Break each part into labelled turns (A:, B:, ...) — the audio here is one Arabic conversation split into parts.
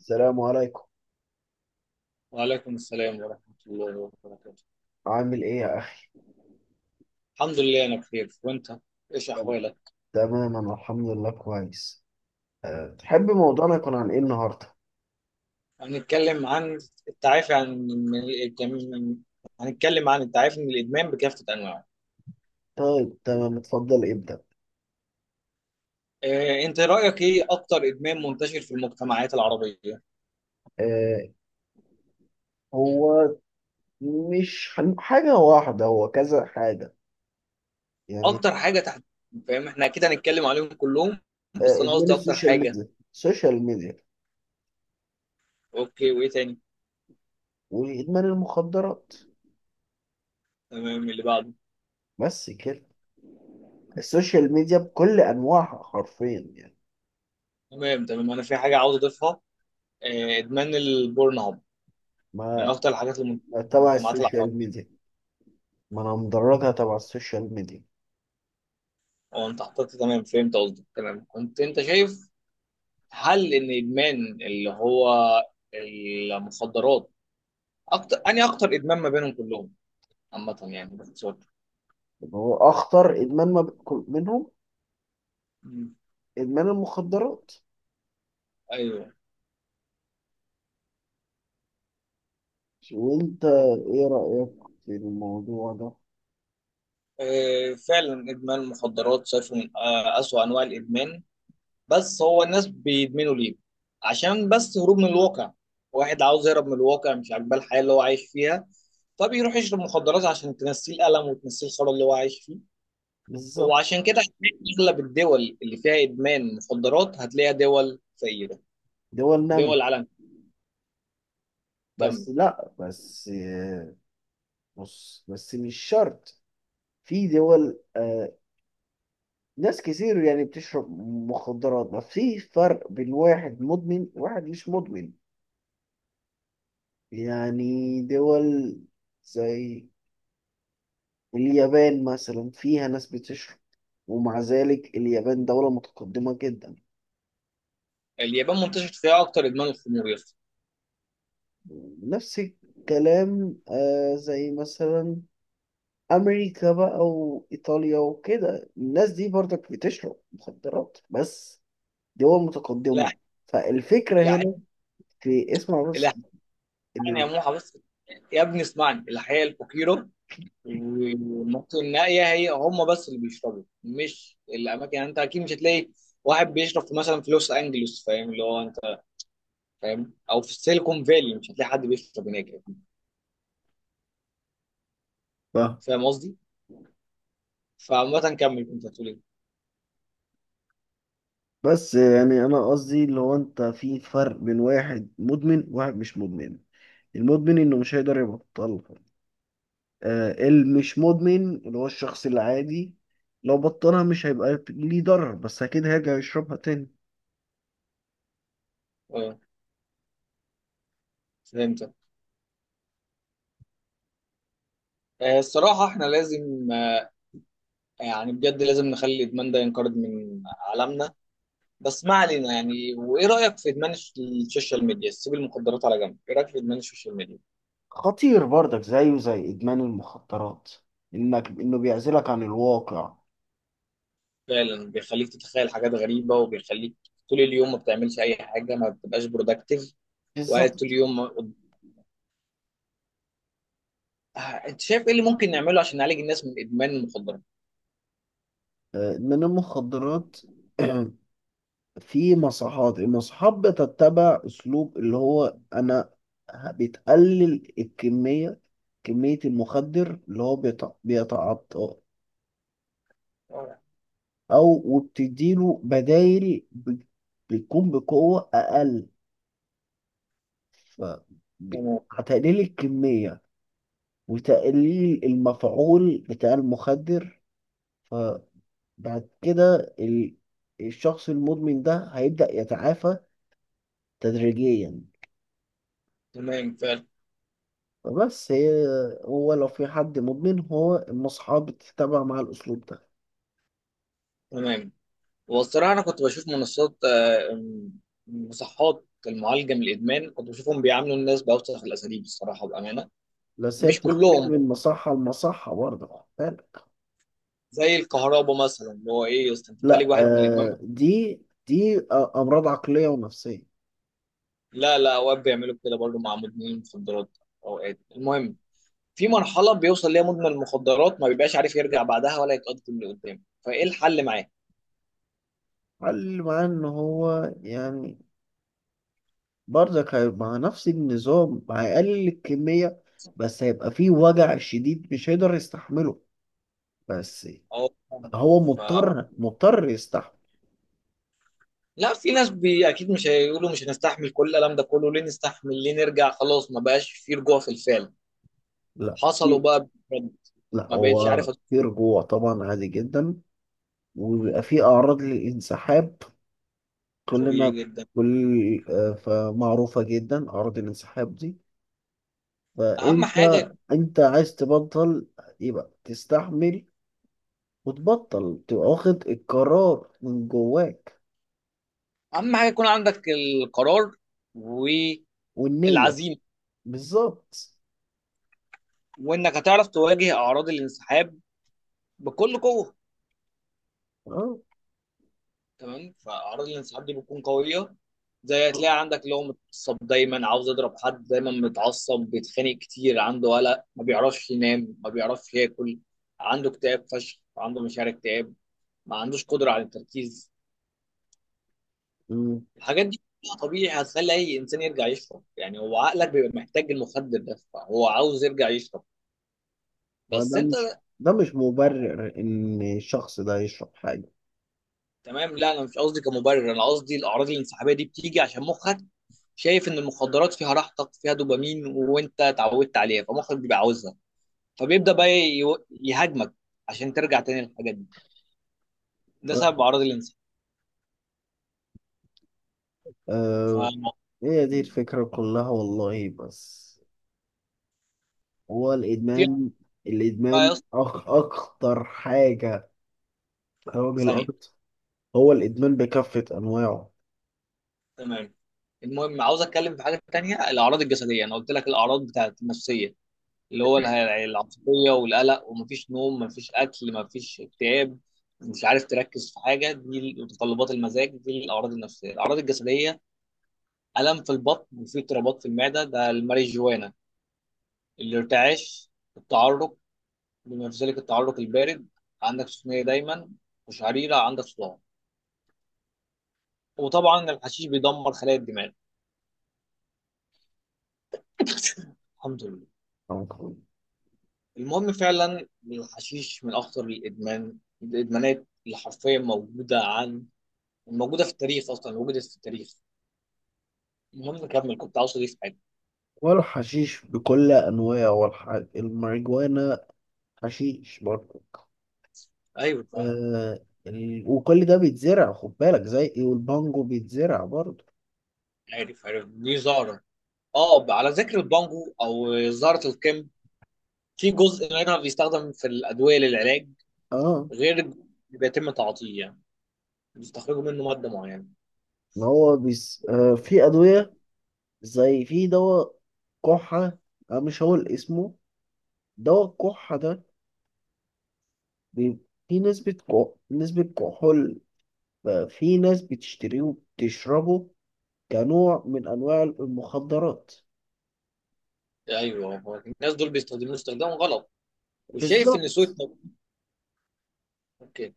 A: السلام عليكم.
B: وعليكم السلام ورحمة الله وبركاته.
A: عامل ايه يا اخي؟
B: الحمد لله أنا بخير، وأنت، إيش
A: تم-
B: أحوالك؟
A: تمام، انا الحمد لله كويس. تحب موضوعنا يكون عن ايه النهارده؟
B: هنتكلم عن التعافي من الإدمان. هنتكلم عن التعافي من الإدمان بكافة أنواعه.
A: طيب، تمام، اتفضل ابدأ.
B: أنت رأيك إيه أكتر إدمان منتشر في المجتمعات العربية؟
A: أه هو مش هن- حاجة واحدة، هو كذا حاجة، يعني.
B: أكتر حاجة تحت، فاهم؟ إحنا أكيد هنتكلم عليهم كلهم. بس أنا
A: ادمان
B: قصدي أكتر
A: السوشيال
B: حاجة.
A: ميديا السوشيال ميديا
B: أوكي، وإيه تاني؟
A: وادمان المخدرات،
B: تمام، اللي بعده.
A: بس كده. السوشيال ميديا بكل انواعها حرفيا يعني.
B: تمام تمام، أنا في حاجة عاوز أضيفها. إدمان البورن هاب من
A: ما
B: أكتر الحاجات اللي
A: ما تبع
B: المجتمعات العربية.
A: السوشيال ميديا، ما انا مدرجها تبع السوشيال ميديا.
B: هو انت حطيت، تمام فهمت قصدك. تمام كنت انت شايف هل ان ادمان اللي هو المخدرات اكتر ادمان ما بينهم كلهم عامه، يعني باختصار.
A: يعني هو اخطر ادمان ما بيكون منهم
B: مم.
A: إدمان المخدرات.
B: ايوه.
A: وأنت
B: اوكي.
A: إيه رأيك في الموضوع ده؟
B: فعلا ادمان المخدرات شايفه من اسوأ انواع الادمان. بس هو الناس بيدمنوا ليه؟ عشان بس هروب من الواقع. واحد عاوز يهرب من الواقع، مش عاجباه الحياه اللي هو عايش فيها، فبيروح يشرب مخدرات عشان تنسيه الالم وتنسيه الخرا اللي هو عايش فيه.
A: بالظبط.
B: وعشان كده هتلاقي اغلب الدول اللي فيها ادمان مخدرات هتلاقيها دول فقيره.
A: دول نامي.
B: دول عالم كامل.
A: بس لا، بس بص، بس مش شرط. في دول، ناس كتير يعني بتشرب مخدرات، بس في فرق بين واحد مدمن وواحد مش مدمن. يعني دول زي اليابان مثلا فيها ناس بتشرب، ومع ذلك اليابان دولة متقدمة جدا.
B: اليابان منتشر فيها اكتر ادمان الخمور يا اسطى.
A: نفس الكلام. زي مثلا أمريكا بقى وإيطاليا وكده، الناس دي برضك بتشرب مخدرات، بس دول
B: لا
A: متقدمة. فالفكرة
B: لا
A: هنا، في، اسمع بس
B: لا، يعني يا
A: ال-
B: موحى، بس يا ابني اسمعني، الحياه الفقيره والمناطق النائيه هي هم بس اللي بيشربوا، مش الاماكن. يعني انت اكيد مش هتلاقي واحد بيشرب في مثلا في لوس انجلوس، فاهم؟ اللي هو انت فاهم، او في السيليكون فالي مش هتلاقي حد بيشرب هناك.
A: صح.
B: فاهم قصدي؟ فعامه كمل، كنت هتقول ايه؟
A: بس يعني أنا قصدي اللي هو أنت، في فرق بين واحد مدمن وواحد مش مدمن. المدمن إنه مش هيقدر يبطلها. المش مدمن، اللي هو الشخص العادي، لو بطلها مش هيبقى ليه ضرر، بس أكيد هيرجع يشربها تاني.
B: اه، فهمت. الصراحة احنا لازم، يعني بجد لازم نخلي الإدمان ده ينقرض من عالمنا. بس ما علينا. يعني وإيه رأيك في إدمان السوشيال ميديا؟ سيب المخدرات على جنب، إيه رأيك في إدمان السوشيال ميديا؟
A: خطير برضك، زيه زي إدمان المخدرات. إنه بيعزلك عن الواقع.
B: فعلا بيخليك تتخيل حاجات غريبة، وبيخليك طول اليوم ما بتعملش أي حاجة، ما بتبقاش برودكتيف، وقاعد طول
A: بالظبط.
B: اليوم أنت شايف إيه اللي ممكن نعمله عشان نعالج الناس من إدمان المخدرات؟
A: إدمان المخدرات. في مصحات، بتتبع أسلوب اللي هو أنا بتقلل الكمية، كمية المخدر اللي هو بيتعاطاه.
B: آه،
A: أو وبتديله بدايل بتكون بقوة أقل. ف ب-
B: تمام
A: هتقليل الكمية وتقليل المفعول بتاع المخدر. فبعد كده الشخص المدمن ده هيبدأ يتعافى تدريجيا.
B: تمام، فعلا
A: بس هي، هو لو في حد مدمن، هو المصحة بتتبع مع الأسلوب ده.
B: تمام. والصراحة أنا كنت بشوف منصات آه، مصحات المعالجة من الإدمان، كنت بشوفهم بيعاملوا الناس بأوسخ الأساليب، الصراحة بأمانة.
A: بس هي
B: مش
A: بتختلف
B: كلهم
A: من مصحة لمصحة برضه، خد بالك.
B: زي الكهرباء مثلا، اللي هو إيه يا أسطى، أنت بتعالج
A: لا،
B: واحد من الإدمان.
A: دي أمراض عقلية ونفسية.
B: لا لا، أوقات بيعملوا كده برضه مع مدمنين المخدرات أوقات. المهم، في مرحلة بيوصل ليها مدمن المخدرات ما بيبقاش عارف يرجع بعدها ولا يتقدم لقدام، فإيه الحل معاه؟
A: اللي معاه إن هو يعني برضك هيبقى مع نفس النظام، هيقلل الكمية، بس هيبقى فيه وجع شديد مش هيقدر يستحمله، بس
B: أه.
A: هو
B: ف...
A: مضطر مضطر يستحمل.
B: لا، في ناس اكيد مش هيقولوا مش هنستحمل كل الالم ده كله، ليه نستحمل، ليه نرجع، خلاص ما بقاش في رجوع في الفعل
A: لا
B: حصلوا
A: في-
B: بقى بجد.
A: لا،
B: ما بقتش
A: هو
B: عارف
A: في رجوع طبعا، عادي جدا،
B: مم.
A: وبيبقى في اعراض للانسحاب.
B: طبيعي
A: كلنا
B: جدا.
A: كل آه، فمعروفة جدا اعراض الانسحاب دي.
B: اهم
A: فانت
B: حاجه
A: انت عايز تبطل، يبقى تستحمل وتبطل، تبقى واخد القرار من جواك
B: اهم حاجه يكون عندك القرار والعزيمه،
A: والنية. بالظبط.
B: وانك هتعرف تواجه اعراض الانسحاب بكل قوه.
A: اه.
B: تمام، فاعراض الانسحاب دي بتكون قويه. زي هتلاقي عندك اللي هو متعصب دايما، عاوز يضرب حد دايما، متعصب، بيتخانق كتير، عنده قلق، ما بيعرفش ينام، ما بيعرفش ياكل، عنده اكتئاب فشخ، عنده مشاعر اكتئاب، ما عندوش قدره على التركيز.
A: أمم.
B: الحاجات دي كلها طبيعي هتخلي اي انسان يرجع يشرب، يعني هو عقلك بيبقى محتاج المخدر ده، فهو عاوز يرجع يشرب. بس
A: وده
B: انت.
A: مش ده مش
B: آه،
A: مبرر ان الشخص ده يشرب
B: تمام، لا انا مش قصدي كمبرر، انا قصدي الاعراض الانسحابيه دي بتيجي عشان مخك شايف ان المخدرات فيها راحتك، فيها دوبامين، وانت اتعودت عليها فمخك بيبقى عاوزها، فبيبدا بقى يهاجمك عشان ترجع تاني للحاجات دي. ده
A: حاجة.
B: سبب اعراض الانسحاب.
A: هي دي
B: ففي
A: الفكرة كلها والله. بس هو الإدمان،
B: بقى يا
A: الإدمان
B: اسطى
A: أخ أخطر حاجة، أو
B: ثانيه.
A: الأرض، هو الإدمان بكافة أنواعه.
B: تمام، المهم عاوز اتكلم في حاجه تانيه، الاعراض الجسديه. انا قلت لك الاعراض بتاعت النفسيه اللي هو العصبية والقلق، ومفيش نوم، مفيش أكل، مفيش اكتئاب، مش عارف تركز في حاجة، دي متطلبات المزاج، دي الأعراض النفسية. الأعراض الجسدية: ألم في البطن، وفي اضطرابات في المعدة، ده الماريجوانا. الارتعاش، التعرق، بما في ذلك التعرق البارد، عندك سخونية دايما وشعريرة، عندك صداع، وطبعا الحشيش بيدمر خلايا الدماغ. الحمد لله. المهم، فعلا الحشيش من أخطر الإدمانات اللي حرفيا موجودة، موجوده في التاريخ اصلا، وجدت في التاريخ. المهم كمل، كنت عاوز اضيف حاجه.
A: والحشيش بكل أنواعه الماريجوانا حشيش برضه.
B: ايوه طبعاً،
A: وكل ده بيتزرع، خد بالك، زي إيه، والبانجو بيتزرع برضه.
B: عارف عارف، دي زهره. اه، على ذكر البانجو او زهره الكم، في جزء منها بيستخدم في الادويه للعلاج،
A: اه.
B: غير بيتم تعاطيه يعني، بيستخرجوا منه ماده معينه.
A: ما هو في أدوية، زي في دواء كحة، أنا مش هقول اسمه. دواء الكحة ده بي- في نسبة كحول، ففي ناس بتشتريه وبتشربه كنوع من أنواع المخدرات.
B: ايوه، هو الناس دول بيستخدموه استخدام غلط، وشايف ان
A: بالظبط.
B: اوكي،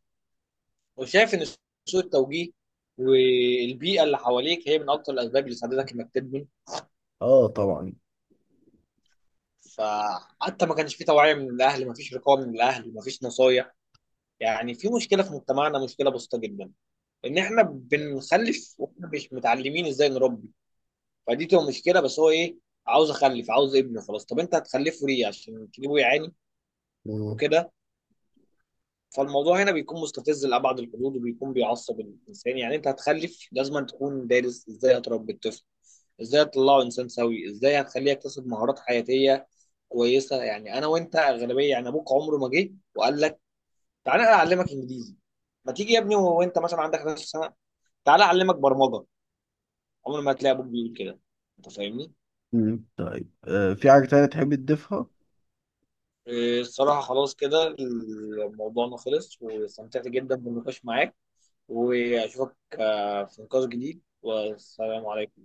B: وشايف ان سوء التوجيه والبيئه اللي حواليك هي من اكتر الاسباب اللي ساعدتك انك تدمن.
A: اه طبعا.
B: فحتى ما كانش في توعيه من الاهل، ما فيش رقابه من الاهل، ما فيش نصايح. يعني في مشكلة في مجتمعنا، مشكلة بسيطة جدا، إن إحنا بنخلف وإحنا مش متعلمين إزاي نربي. فدي تبقى مشكلة، بس هو إيه، عاوز أخلف عاوز ابنه خلاص. طب أنت هتخلفه ليه، عشان تجيبه يعاني
A: مم.
B: وكده؟ فالموضوع هنا بيكون مستفز لأبعد الحدود، وبيكون بيعصب الإنسان. يعني أنت هتخلف لازم تكون دارس إزاي هتربي الطفل، إزاي هتطلعه إنسان سوي، إزاي هتخليه يكتسب مهارات حياتية كويسة. يعني أنا وأنت أغلبية، يعني أبوك عمره ما جه وقال لك تعالى أعلمك إنجليزي، ما تيجي يا ابني وانت مثلا عندك 11 سنه تعالى اعلمك برمجه. عمر ما هتلاقي ابوك بيقول كده. انت فاهمني؟
A: مم. طيب، في حاجة تانية تحب تضيفها؟
B: إيه، الصراحه خلاص كده الموضوع، أنا خلص واستمتعت جدا بالنقاش معاك، واشوفك في نقاش جديد. والسلام عليكم.